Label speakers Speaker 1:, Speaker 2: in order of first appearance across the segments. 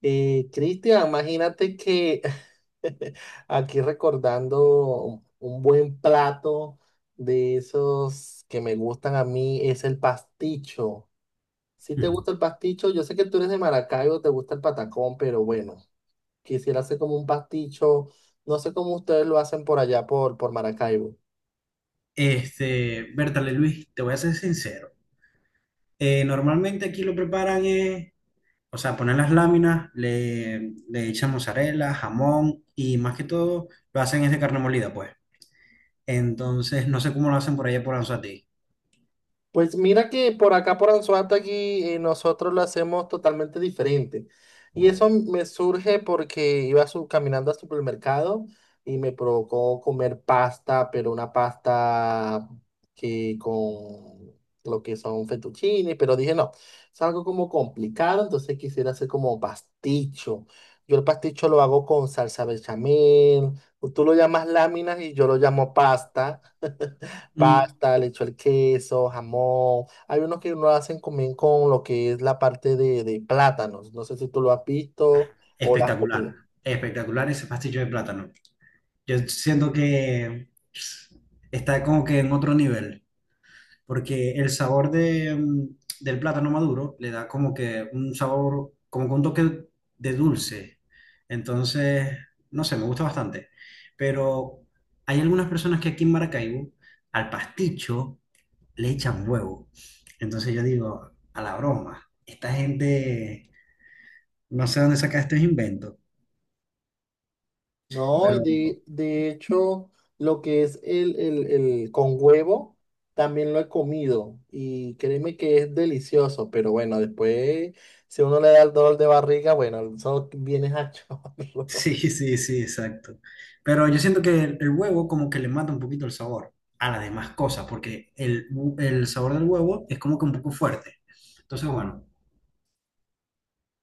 Speaker 1: Cristian, imagínate que aquí recordando un buen plato de esos que me gustan a mí es el pasticho. Si te
Speaker 2: Ujú.
Speaker 1: gusta el pasticho, yo sé que tú eres de Maracaibo, te gusta el patacón, pero bueno, quisiera hacer como un pasticho. No sé cómo ustedes lo hacen por allá por Maracaibo.
Speaker 2: Bertale Luis, te voy a ser sincero. Normalmente aquí lo preparan, o sea, ponen las láminas, le echan mozzarella, jamón y más que todo lo hacen es de carne molida, pues. Entonces, no sé cómo lo hacen por allá por Anzoátegui.
Speaker 1: Pues mira que por acá, por Anzoátegui, nosotros lo hacemos totalmente diferente. Y eso me surge porque iba caminando al supermercado y me provocó comer pasta, pero una pasta que con lo que son fettuccine, pero dije no, es algo como complicado, entonces quisiera hacer como pasticho. Yo el pasticho lo hago con salsa bechamel, tú lo llamas láminas y yo lo llamo pasta.
Speaker 2: Mm,
Speaker 1: Pasta, le echo el queso, jamón. Hay unos que lo hacen también con lo que es la parte de plátanos. No sé si tú lo has visto
Speaker 2: ajá,
Speaker 1: o lo has comido.
Speaker 2: espectacular, espectacular ese pastillo de plátano. Yo siento que está como que en otro nivel, porque el sabor de, del plátano maduro le da como que un sabor, como que un toque de dulce. Entonces, no sé, me gusta bastante. Pero hay algunas personas que aquí en Maracaibo, al pasticho, le echan huevo. Entonces yo digo, a la broma, esta gente, no sé dónde saca estos inventos,
Speaker 1: No, y
Speaker 2: pero
Speaker 1: de hecho, lo que es el con huevo, también lo he comido. Y créeme que es delicioso, pero bueno, después, si uno le da el dolor de barriga, bueno, eso viene a chorro.
Speaker 2: sí, sí, sí, exacto. Pero yo siento que el huevo como que le mata un poquito el sabor a las demás cosas, porque el sabor del huevo es como que un poco fuerte. Entonces, bueno,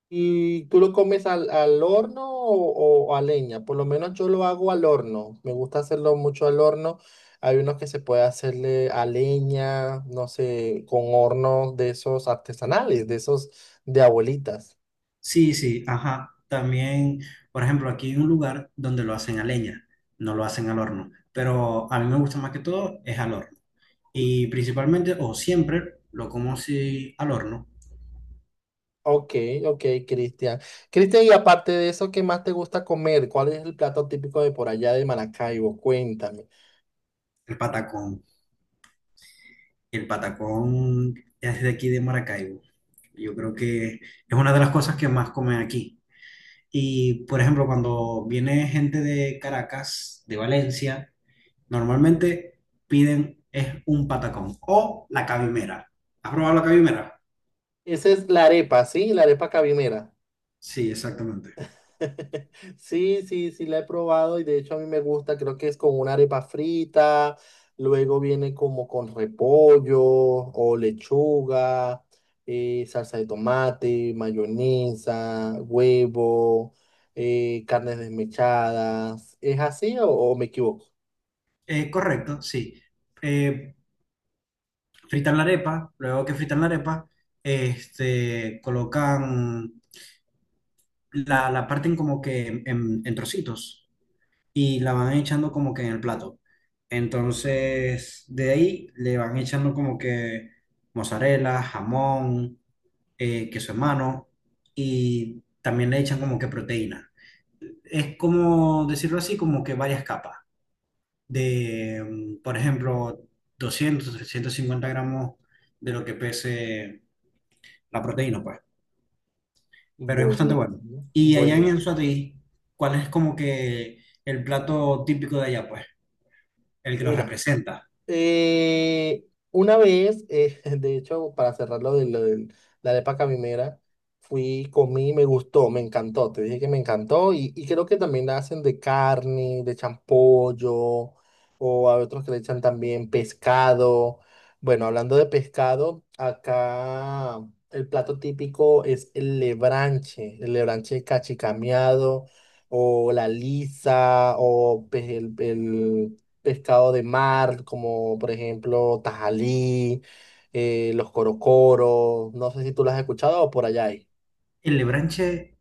Speaker 1: ¿Y tú lo comes al horno o a leña? Por lo menos yo lo hago al horno. Me gusta hacerlo mucho al horno. Hay unos que se puede hacerle a leña, no sé, con hornos de esos artesanales, de esos de abuelitas.
Speaker 2: sí, sí, ajá. También, por ejemplo, aquí hay un lugar donde lo hacen a leña, no lo hacen al horno, pero a mí me gusta más que todo es al horno. Y principalmente o siempre lo como si al horno,
Speaker 1: Ok, ok, Cristian. Cristian, y aparte de eso, ¿qué más te gusta comer? ¿Cuál es el plato típico de por allá de Maracaibo? Cuéntame.
Speaker 2: el patacón. El patacón es de aquí de Maracaibo. Yo creo que es una de las cosas que más comen aquí. Y, por ejemplo, cuando viene gente de Caracas, de Valencia, normalmente piden es un patacón o la cabimera. ¿Has probado la cabimera?
Speaker 1: Esa es la arepa, ¿sí? La arepa cabimera.
Speaker 2: Sí, exactamente.
Speaker 1: Sí, sí, sí, la he probado y de hecho a mí me gusta, creo que es con una arepa frita, luego viene como con repollo o lechuga, salsa de tomate, mayonesa, huevo, carnes desmechadas. ¿Es así o me equivoco?
Speaker 2: Correcto, sí. Eh, Fritan la arepa, luego que fritan la arepa, colocan la parten como que en trocitos y la van echando como que en el plato. Entonces, de ahí le van echando como que mozzarella, jamón, queso en mano y también le echan como que proteína. Es como decirlo así, como que varias capas de, por ejemplo, 200, 350 gramos de lo que pese la proteína, pues. Pero es bastante bueno.
Speaker 1: Buenísimo,
Speaker 2: Y allá en
Speaker 1: buenísimo.
Speaker 2: Anzoátegui, ¿cuál es como que el plato típico de allá, pues? El que los representa.
Speaker 1: Eh, una vez, de hecho, para cerrar lo de la arepa caminera, fui, comí, me gustó, me encantó. Te dije que me encantó y creo que también la hacen de carne, de champollo, o a otros que le echan también pescado. Bueno, hablando de pescado, acá el plato típico es el lebranche cachicameado, o la lisa, o pues, el pescado de mar, como por ejemplo tajalí, los corocoros, no sé si tú lo has escuchado o por allá hay.
Speaker 2: El lebranche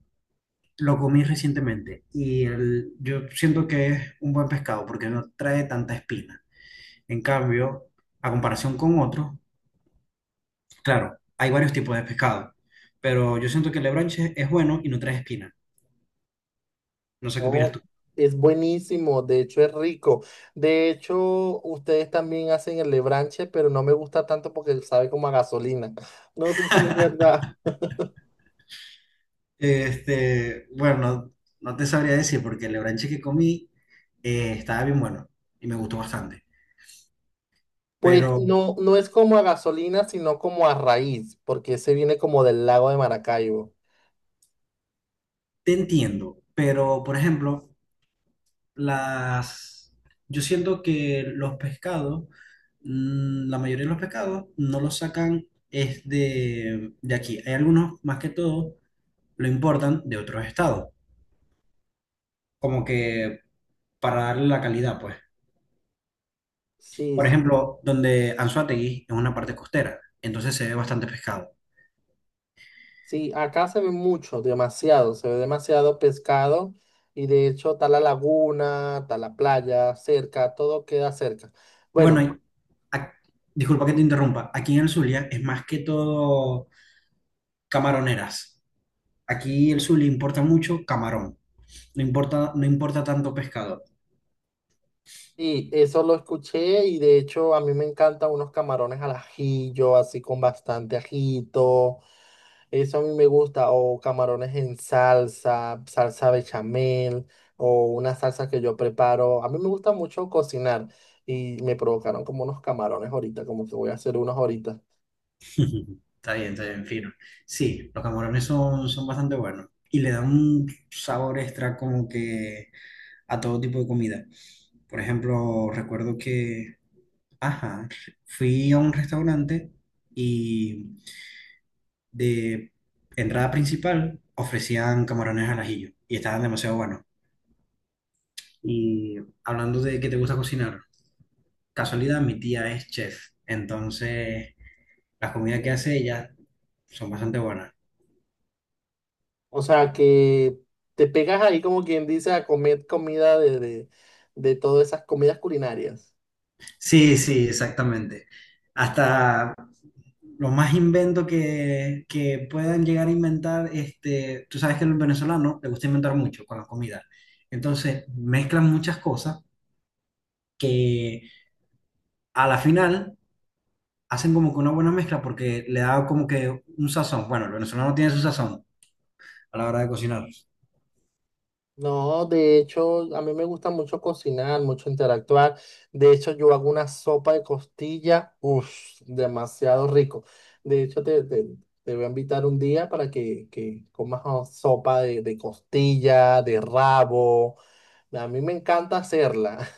Speaker 2: lo comí recientemente y yo siento que es un buen pescado porque no trae tanta espina. En cambio, a comparación con otros, claro, hay varios tipos de pescado, pero yo siento que el lebranche es bueno y no trae espina. No sé qué opinas
Speaker 1: No,
Speaker 2: tú.
Speaker 1: es buenísimo, de hecho es rico. De hecho, ustedes también hacen el lebranche, pero no me gusta tanto porque sabe como a gasolina. No sé si es verdad.
Speaker 2: Bueno, no te sabría decir porque el lebranche que comí estaba bien bueno y me gustó bastante.
Speaker 1: Pues
Speaker 2: Pero
Speaker 1: no, no es como a gasolina, sino como a raíz, porque ese viene como del lago de Maracaibo.
Speaker 2: te entiendo. Pero, por ejemplo, las, yo siento que los pescados, la mayoría de los pescados no los sacan es de aquí. Hay algunos, más que todo, lo importan de otros estados, como que para darle la calidad, pues.
Speaker 1: Sí,
Speaker 2: Por
Speaker 1: sí.
Speaker 2: ejemplo, donde Anzoátegui es una parte costera, entonces se ve bastante pescado.
Speaker 1: Sí, acá se ve mucho, demasiado, se ve demasiado pescado y de hecho está la laguna, está la playa cerca, todo queda cerca.
Speaker 2: Bueno,
Speaker 1: Bueno,
Speaker 2: ac- disculpa que te interrumpa, aquí en el Zulia es más que todo camaroneras. Aquí el Zulia importa mucho camarón, no importa, no importa tanto pescado.
Speaker 1: y eso lo escuché y de hecho a mí me encantan unos camarones al ajillo, así con bastante ajito, eso a mí me gusta, o camarones en salsa, salsa bechamel o una salsa que yo preparo. A mí me gusta mucho cocinar y me provocaron como unos camarones ahorita, como que voy a hacer unos ahorita.
Speaker 2: Está bien, fino. Sí, los camarones son, son bastante buenos y le dan un sabor extra como que a todo tipo de comida. Por ejemplo, recuerdo que, ajá, fui a un restaurante y de entrada principal ofrecían camarones al ajillo y estaban demasiado buenos. Y hablando de que te gusta cocinar, casualidad, mi tía es chef, entonces las comidas que hace ella son bastante buenas.
Speaker 1: O sea, que te pegas ahí como quien dice a comer comida de todas esas comidas culinarias.
Speaker 2: Sí, sí, exactamente. Hasta lo más invento que puedan llegar a inventar, tú sabes que el venezolano le gusta inventar mucho con la comida. Entonces mezclan muchas cosas que a la final hacen como que una buena mezcla porque le da como que un sazón. Bueno, el venezolano tiene su sazón a la hora de cocinar.
Speaker 1: No, de hecho, a mí me gusta mucho cocinar, mucho interactuar. De hecho, yo hago una sopa de costilla, uff, demasiado rico. De hecho, te voy a invitar un día para que comas oh, sopa de costilla, de rabo. A mí me encanta hacerla.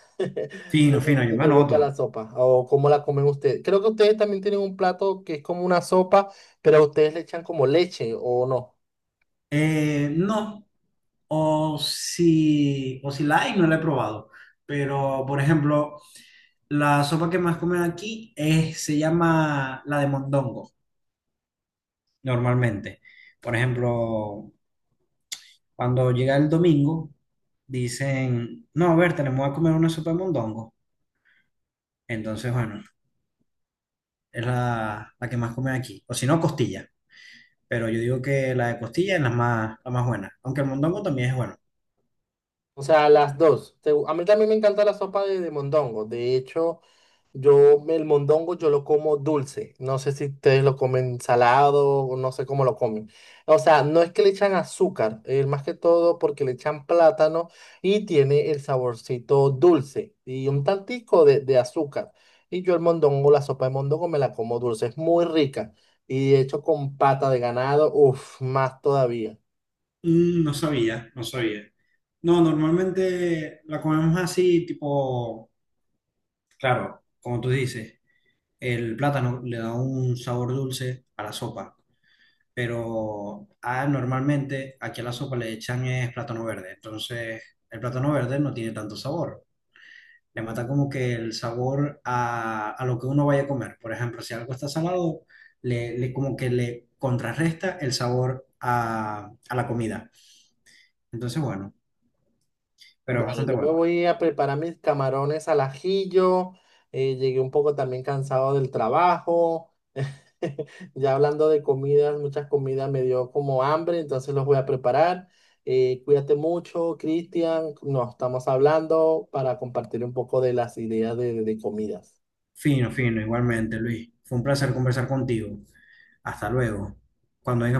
Speaker 2: Fino,
Speaker 1: No sé
Speaker 2: fino,
Speaker 1: si
Speaker 2: yo
Speaker 1: te,
Speaker 2: me
Speaker 1: te gusta
Speaker 2: anoto.
Speaker 1: la sopa o cómo la comen ustedes. Creo que ustedes también tienen un plato que es como una sopa, pero ustedes le echan como leche o no.
Speaker 2: No. O si la hay, no la he probado. Pero, por ejemplo, la sopa que más comen aquí es, se llama la de mondongo, normalmente. Por ejemplo, cuando llega el domingo, dicen, no, a ver, tenemos a comer una sopa de mondongo. Entonces, bueno, es la que más comen aquí. O si no, costilla. Pero yo digo que la de costilla es la más buena. Aunque el mondongo también es bueno.
Speaker 1: O sea, las dos. Te- A mí también me encanta la sopa de mondongo. De hecho, yo el mondongo yo lo como dulce. No sé si ustedes lo comen salado o no sé cómo lo comen. O sea, no es que le echan azúcar, más que todo porque le echan plátano y tiene el saborcito dulce y un tantico de azúcar. Y yo el mondongo, la sopa de mondongo me la como dulce. Es muy rica. Y de hecho con pata de ganado, uff, más todavía.
Speaker 2: Mm, no sabía, no sabía. No, normalmente la comemos así, tipo, claro, como tú dices, el plátano le da un sabor dulce a la sopa, pero ah, normalmente aquí a la sopa le echan es plátano verde, entonces el plátano verde no tiene tanto sabor, le mata como que el sabor a lo que uno vaya a comer. Por ejemplo, si algo está salado, como que le contrarresta el sabor a la comida. Entonces, bueno, pero
Speaker 1: Bueno,
Speaker 2: bastante
Speaker 1: yo me
Speaker 2: bueno.
Speaker 1: voy a preparar mis camarones al ajillo. Llegué un poco también cansado del trabajo. Ya hablando de comidas, muchas comidas me dio como hambre, entonces los voy a preparar. Cuídate mucho, Cristian. Nos estamos hablando para compartir un poco de las ideas de comidas.
Speaker 2: Fino, fino, igualmente, Luis. Fue un placer conversar contigo. Hasta luego. Cuando vengas